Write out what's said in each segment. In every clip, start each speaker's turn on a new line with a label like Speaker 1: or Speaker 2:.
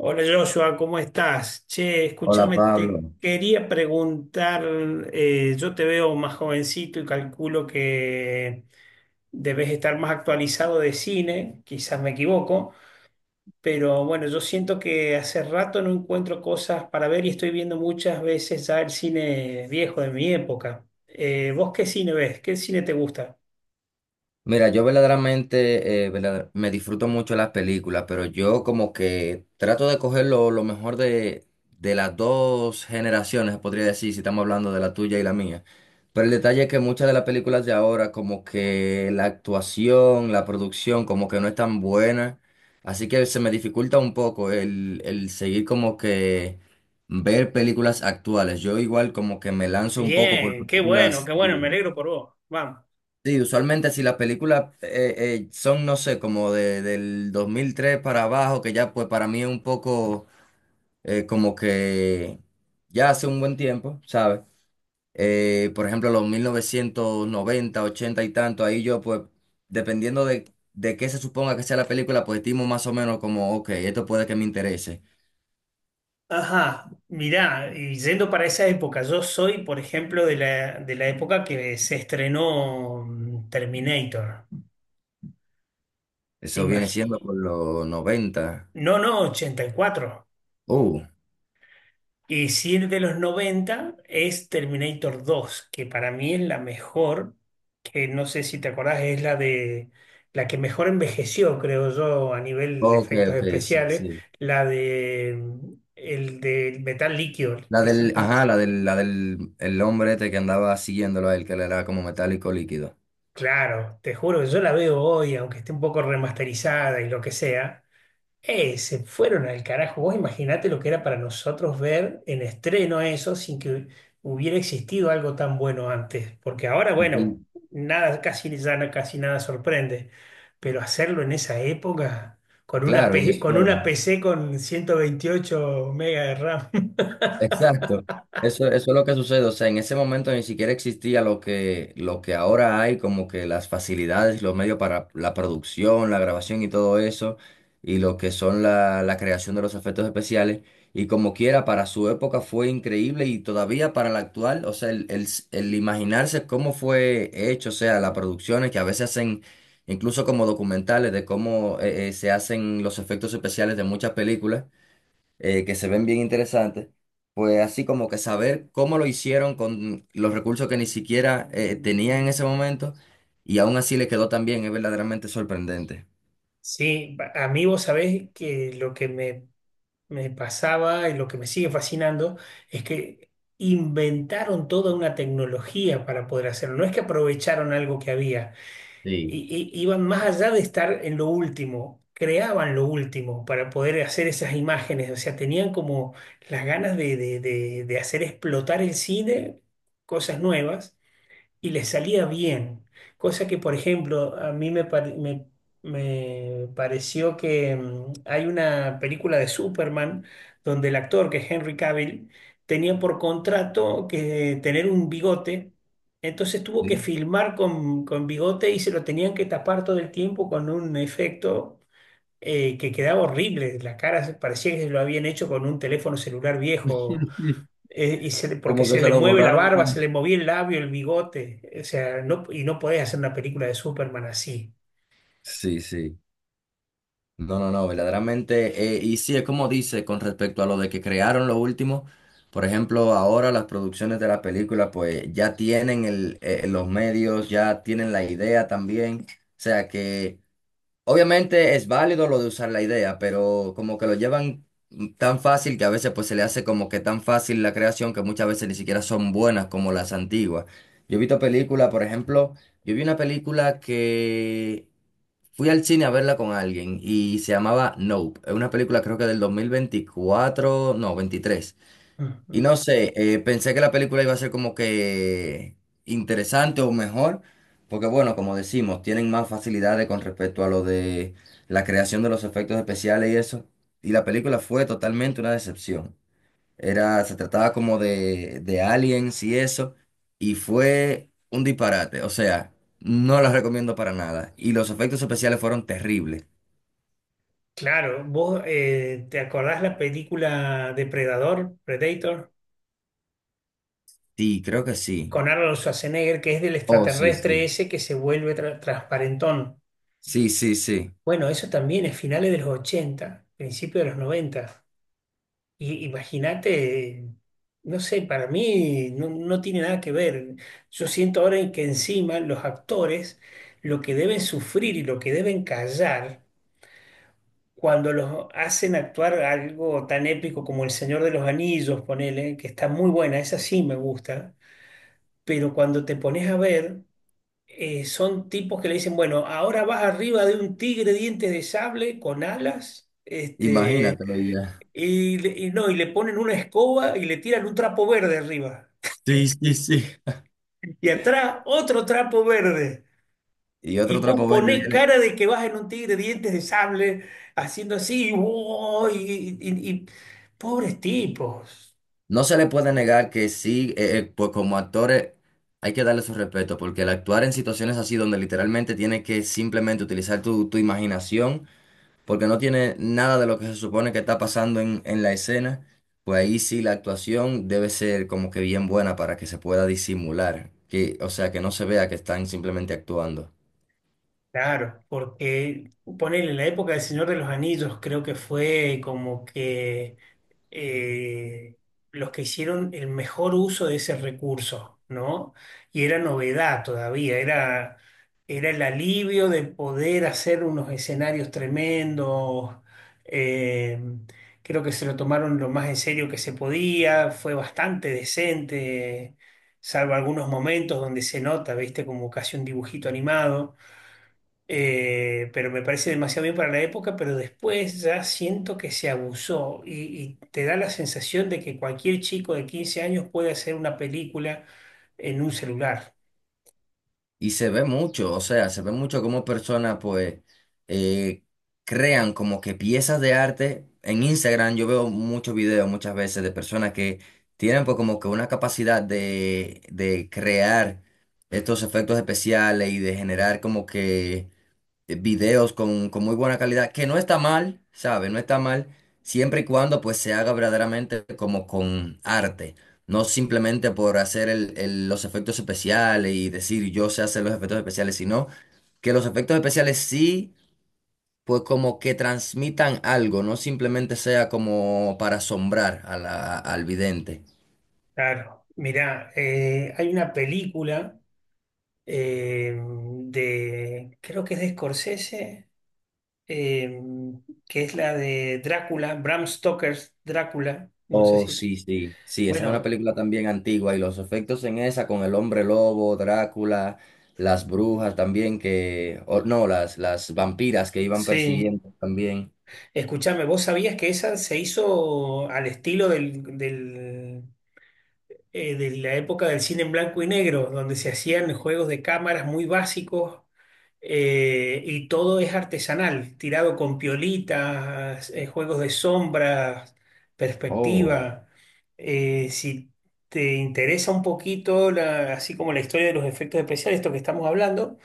Speaker 1: Hola Joshua, ¿cómo estás? Che,
Speaker 2: Hola
Speaker 1: escúchame,
Speaker 2: Pablo.
Speaker 1: te quería preguntar, yo te veo más jovencito y calculo que debes estar más actualizado de cine, quizás me equivoco, pero bueno, yo siento que hace rato no encuentro cosas para ver y estoy viendo muchas veces ya el cine viejo de mi época. ¿Vos qué cine ves? ¿Qué cine te gusta?
Speaker 2: Mira, yo verdaderamente me disfruto mucho las películas, pero yo como que trato de coger lo mejor de las dos generaciones, podría decir, si estamos hablando de la tuya y la mía. Pero el detalle es que muchas de las películas de ahora, como que la actuación, la producción, como que no es tan buena. Así que se me dificulta un poco el seguir como que ver películas actuales. Yo igual como que me lanzo un poco por
Speaker 1: Bien,
Speaker 2: películas.
Speaker 1: qué bueno, me alegro por vos. Vamos.
Speaker 2: Sí, usualmente si las películas son, no sé, como de, del 2003 para abajo, que ya pues para mí es un poco como que ya hace un buen tiempo, ¿sabes? Por ejemplo, los 1990 80 y tanto, ahí yo pues, dependiendo de qué se suponga que sea la película, pues estimo más o menos como, ok, esto puede que me interese.
Speaker 1: Ajá, mirá, y yendo para esa época, yo soy, por ejemplo, de la época que se estrenó Terminator.
Speaker 2: Eso viene siendo
Speaker 1: Imagino.
Speaker 2: por los noventa.
Speaker 1: No, no, 84.
Speaker 2: Uh,
Speaker 1: Y si es de los 90 es Terminator 2, que para mí es la mejor, que no sé si te acordás, es la de la que mejor envejeció, creo yo, a nivel de
Speaker 2: ok,
Speaker 1: efectos
Speaker 2: ok, sí,
Speaker 1: especiales,
Speaker 2: sí.
Speaker 1: la de el de metal líquido,
Speaker 2: La
Speaker 1: que
Speaker 2: del,
Speaker 1: siempre.
Speaker 2: ajá, la del el hombre este que andaba siguiéndolo a él, que le era como metálico líquido.
Speaker 1: Claro, te juro que yo la veo hoy, aunque esté un poco remasterizada y lo que sea. Se fueron al carajo. Vos imaginate lo que era para nosotros ver en estreno eso sin que hubiera existido algo tan bueno antes. Porque ahora,
Speaker 2: Y que-
Speaker 1: bueno, nada, casi, casi nada sorprende. Pero hacerlo en esa época, con una,
Speaker 2: claro, y
Speaker 1: P- con una
Speaker 2: eso.
Speaker 1: PC con 128 megas de RAM.
Speaker 2: Exacto. Eso es lo que sucede. O sea, en ese momento ni siquiera existía lo que ahora hay, como que las facilidades, los medios para la producción, la grabación y todo eso, y lo que son la creación de los efectos especiales. Y como quiera, para su época fue increíble y todavía para la actual, o sea, el imaginarse cómo fue hecho, o sea, las producciones que a veces hacen, incluso como documentales de cómo se hacen los efectos especiales de muchas películas que se ven bien interesantes, pues así como que saber cómo lo hicieron con los recursos que ni siquiera tenían en ese momento y aún así le quedó tan bien, es verdaderamente sorprendente.
Speaker 1: Sí, a mí vos sabés que lo que me pasaba y lo que me sigue fascinando es que inventaron toda una tecnología para poder hacerlo. No es que aprovecharon algo que había,
Speaker 2: Sí.
Speaker 1: iban más allá de estar en lo último, creaban lo último para poder hacer esas imágenes. O sea, tenían como las ganas de hacer explotar el cine, cosas nuevas y les salía bien. Cosa que, por ejemplo, a mí me pareció que hay una película de Superman donde el actor, que es Henry Cavill, tenía por contrato que tener un bigote. Entonces tuvo que
Speaker 2: Sí.
Speaker 1: filmar con bigote y se lo tenían que tapar todo el tiempo con un efecto que quedaba horrible. La cara parecía que se lo habían hecho con un teléfono celular viejo eh, porque
Speaker 2: Como que
Speaker 1: se
Speaker 2: se
Speaker 1: le
Speaker 2: lo
Speaker 1: mueve la
Speaker 2: borraron.
Speaker 1: barba, se le movía el labio, el bigote. O sea, no, y no podés hacer una película de Superman así.
Speaker 2: Sí, sí. No, no, no, verdaderamente. Y sí, es como dice con respecto a lo de que crearon lo último. Por ejemplo, ahora las producciones de la película, pues ya tienen el, los medios, ya tienen la idea también. O sea que obviamente es válido lo de usar la idea, pero como que lo llevan tan fácil que a veces pues se le hace como que tan fácil la creación que muchas veces ni siquiera son buenas como las antiguas. Yo he visto películas, por ejemplo, yo vi una película que fui al cine a verla con alguien y se llamaba Nope. Es una película creo que del 2024, no, 23. Y
Speaker 1: Ujú.
Speaker 2: no sé, pensé que la película iba a ser como que interesante o mejor, porque bueno, como decimos, tienen más facilidades con respecto a lo de la creación de los efectos especiales y eso. Y la película fue totalmente una decepción. Era, se trataba como de aliens y eso, y fue un disparate. O sea, no la recomiendo para nada. Y los efectos especiales fueron terribles.
Speaker 1: Claro, vos te acordás la película Depredador, Predator,
Speaker 2: Sí, creo que sí.
Speaker 1: con Arnold Schwarzenegger, que es del
Speaker 2: Oh, sí,
Speaker 1: extraterrestre
Speaker 2: sí.
Speaker 1: ese que se vuelve transparentón.
Speaker 2: Sí, sí, sí.
Speaker 1: Bueno, eso también es finales de los ochenta, principios de los noventa. Y imagínate, no sé, para mí no, no tiene nada que ver. Yo siento ahora en que encima los actores lo que deben sufrir y lo que deben callar cuando los hacen actuar algo tan épico como El Señor de los Anillos, ponele, que está muy buena, esa sí me gusta, pero cuando te pones a ver, son tipos que le dicen, bueno, ahora vas arriba de un tigre dientes de sable con alas. Este,
Speaker 2: Imagínatelo ya.
Speaker 1: y, le- y no, y le ponen una escoba y le tiran un trapo verde arriba.
Speaker 2: Sí, sí, sí.
Speaker 1: Y atrás otro trapo verde.
Speaker 2: Y
Speaker 1: Y
Speaker 2: otro
Speaker 1: vos
Speaker 2: trapo verde
Speaker 1: ponés
Speaker 2: viene.
Speaker 1: cara de que vas en un tigre, dientes de sable, haciendo así, ¡oh! Pobres tipos.
Speaker 2: No se le puede negar que sí, pues como actores hay que darle su respeto, porque el actuar en situaciones así donde literalmente tienes que simplemente utilizar tu imaginación, porque no tiene nada de lo que se supone que está pasando en la escena, pues ahí sí la actuación debe ser como que bien buena para que se pueda disimular, que, o sea, que no se vea que están simplemente actuando.
Speaker 1: Claro, porque ponele en la época del Señor de los Anillos, creo que fue como que eh, los que hicieron el mejor uso de ese recurso, ¿no? Y era novedad todavía, era el alivio de poder hacer unos escenarios tremendos. Eh, creo que se lo tomaron lo más en serio que se podía, fue bastante decente, salvo algunos momentos donde se nota, viste, como casi un dibujito animado, pero me parece demasiado bien para la época, pero después ya siento que se abusó y te da la sensación de que cualquier chico de 15 años puede hacer una película en un celular.
Speaker 2: Y se ve mucho, o sea, se ve mucho cómo personas pues eh, crean como que piezas de arte. En Instagram yo veo muchos videos muchas veces de personas que tienen pues como que una capacidad de crear estos efectos especiales y de generar como que videos con muy buena calidad, que no está mal, ¿sabes? No está mal, siempre y cuando pues se haga verdaderamente como con arte, no simplemente por hacer los efectos especiales y decir yo sé hacer los efectos especiales, sino que los efectos especiales sí, pues como que transmitan algo, no simplemente sea como para asombrar a al vidente.
Speaker 1: Claro, mirá, hay una película creo que es de Scorsese, eh, que es la de Drácula, Bram Stoker's Drácula, no sé
Speaker 2: Oh,
Speaker 1: si...
Speaker 2: sí, sí, sí, esa es una
Speaker 1: Bueno,
Speaker 2: película también antigua y los efectos en esa con el hombre lobo, Drácula, las brujas también que, o no, las vampiras que iban
Speaker 1: sí.
Speaker 2: persiguiendo también.
Speaker 1: Escuchame, ¿vos sabías que esa se hizo al estilo de la época del cine en blanco y negro, donde se hacían juegos de cámaras muy básicos, y todo es artesanal, tirado con piolitas, juegos de sombras,
Speaker 2: Oh,
Speaker 1: perspectiva? Si te interesa un poquito, la- así como la historia de los efectos especiales, esto que estamos hablando,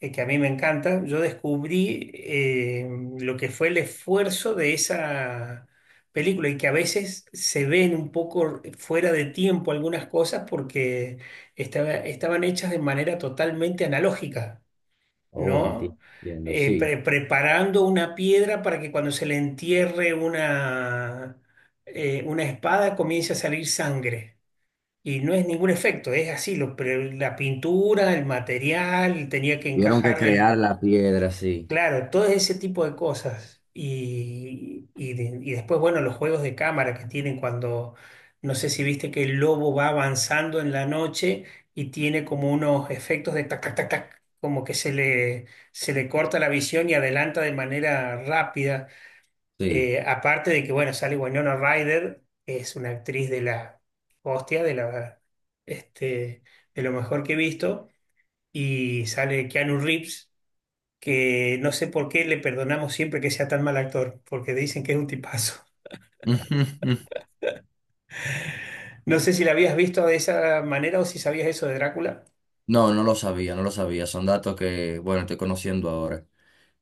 Speaker 1: que a mí me encanta, yo descubrí lo que fue el esfuerzo de esa película y que a veces se ven un poco fuera de tiempo algunas cosas porque estaban hechas de manera totalmente analógica,
Speaker 2: oh, enti-
Speaker 1: ¿no?
Speaker 2: entiendo, sí.
Speaker 1: Preparando una piedra para que cuando se le entierre una espada comience a salir sangre. Y no es ningún efecto, es así, la pintura, el material, tenía que
Speaker 2: Tuvieron que crear
Speaker 1: encajarle.
Speaker 2: la piedra, sí,
Speaker 1: Claro, todo ese tipo de cosas. Y después, bueno, los juegos de cámara que tienen cuando, no sé si viste que el lobo va avanzando en la noche y tiene como unos efectos de tac, tac, tac, tac, como que se le corta la visión y adelanta de manera rápida.
Speaker 2: sí.
Speaker 1: Aparte de que, bueno, sale Winona Ryder, que es una actriz de la hostia, este, de lo mejor que he visto, y sale Keanu Reeves que no sé por qué le perdonamos siempre que sea tan mal actor, porque dicen que es un tipazo. No sé si la habías visto de esa manera o si sabías eso de Drácula.
Speaker 2: No, no lo sabía, no lo sabía, son datos que, bueno, estoy conociendo ahora.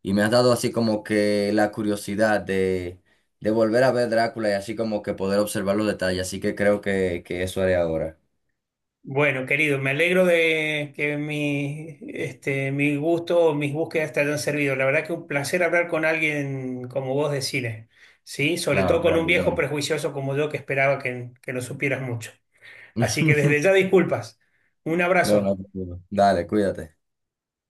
Speaker 2: Y me has dado así como que la curiosidad de volver a ver Drácula y así como que poder observar los detalles. Así que creo que eso haré ahora.
Speaker 1: Bueno, querido, me alegro de que mi gusto o mis búsquedas te hayan servido. La verdad que un placer hablar con alguien como vos de cine, ¿sí? Sobre todo
Speaker 2: Claro,
Speaker 1: con un
Speaker 2: claro,
Speaker 1: viejo
Speaker 2: igual.
Speaker 1: prejuicioso como yo que esperaba que no supieras mucho. Así que desde ya disculpas. Un
Speaker 2: No,
Speaker 1: abrazo.
Speaker 2: no, no. Dale, cuídate.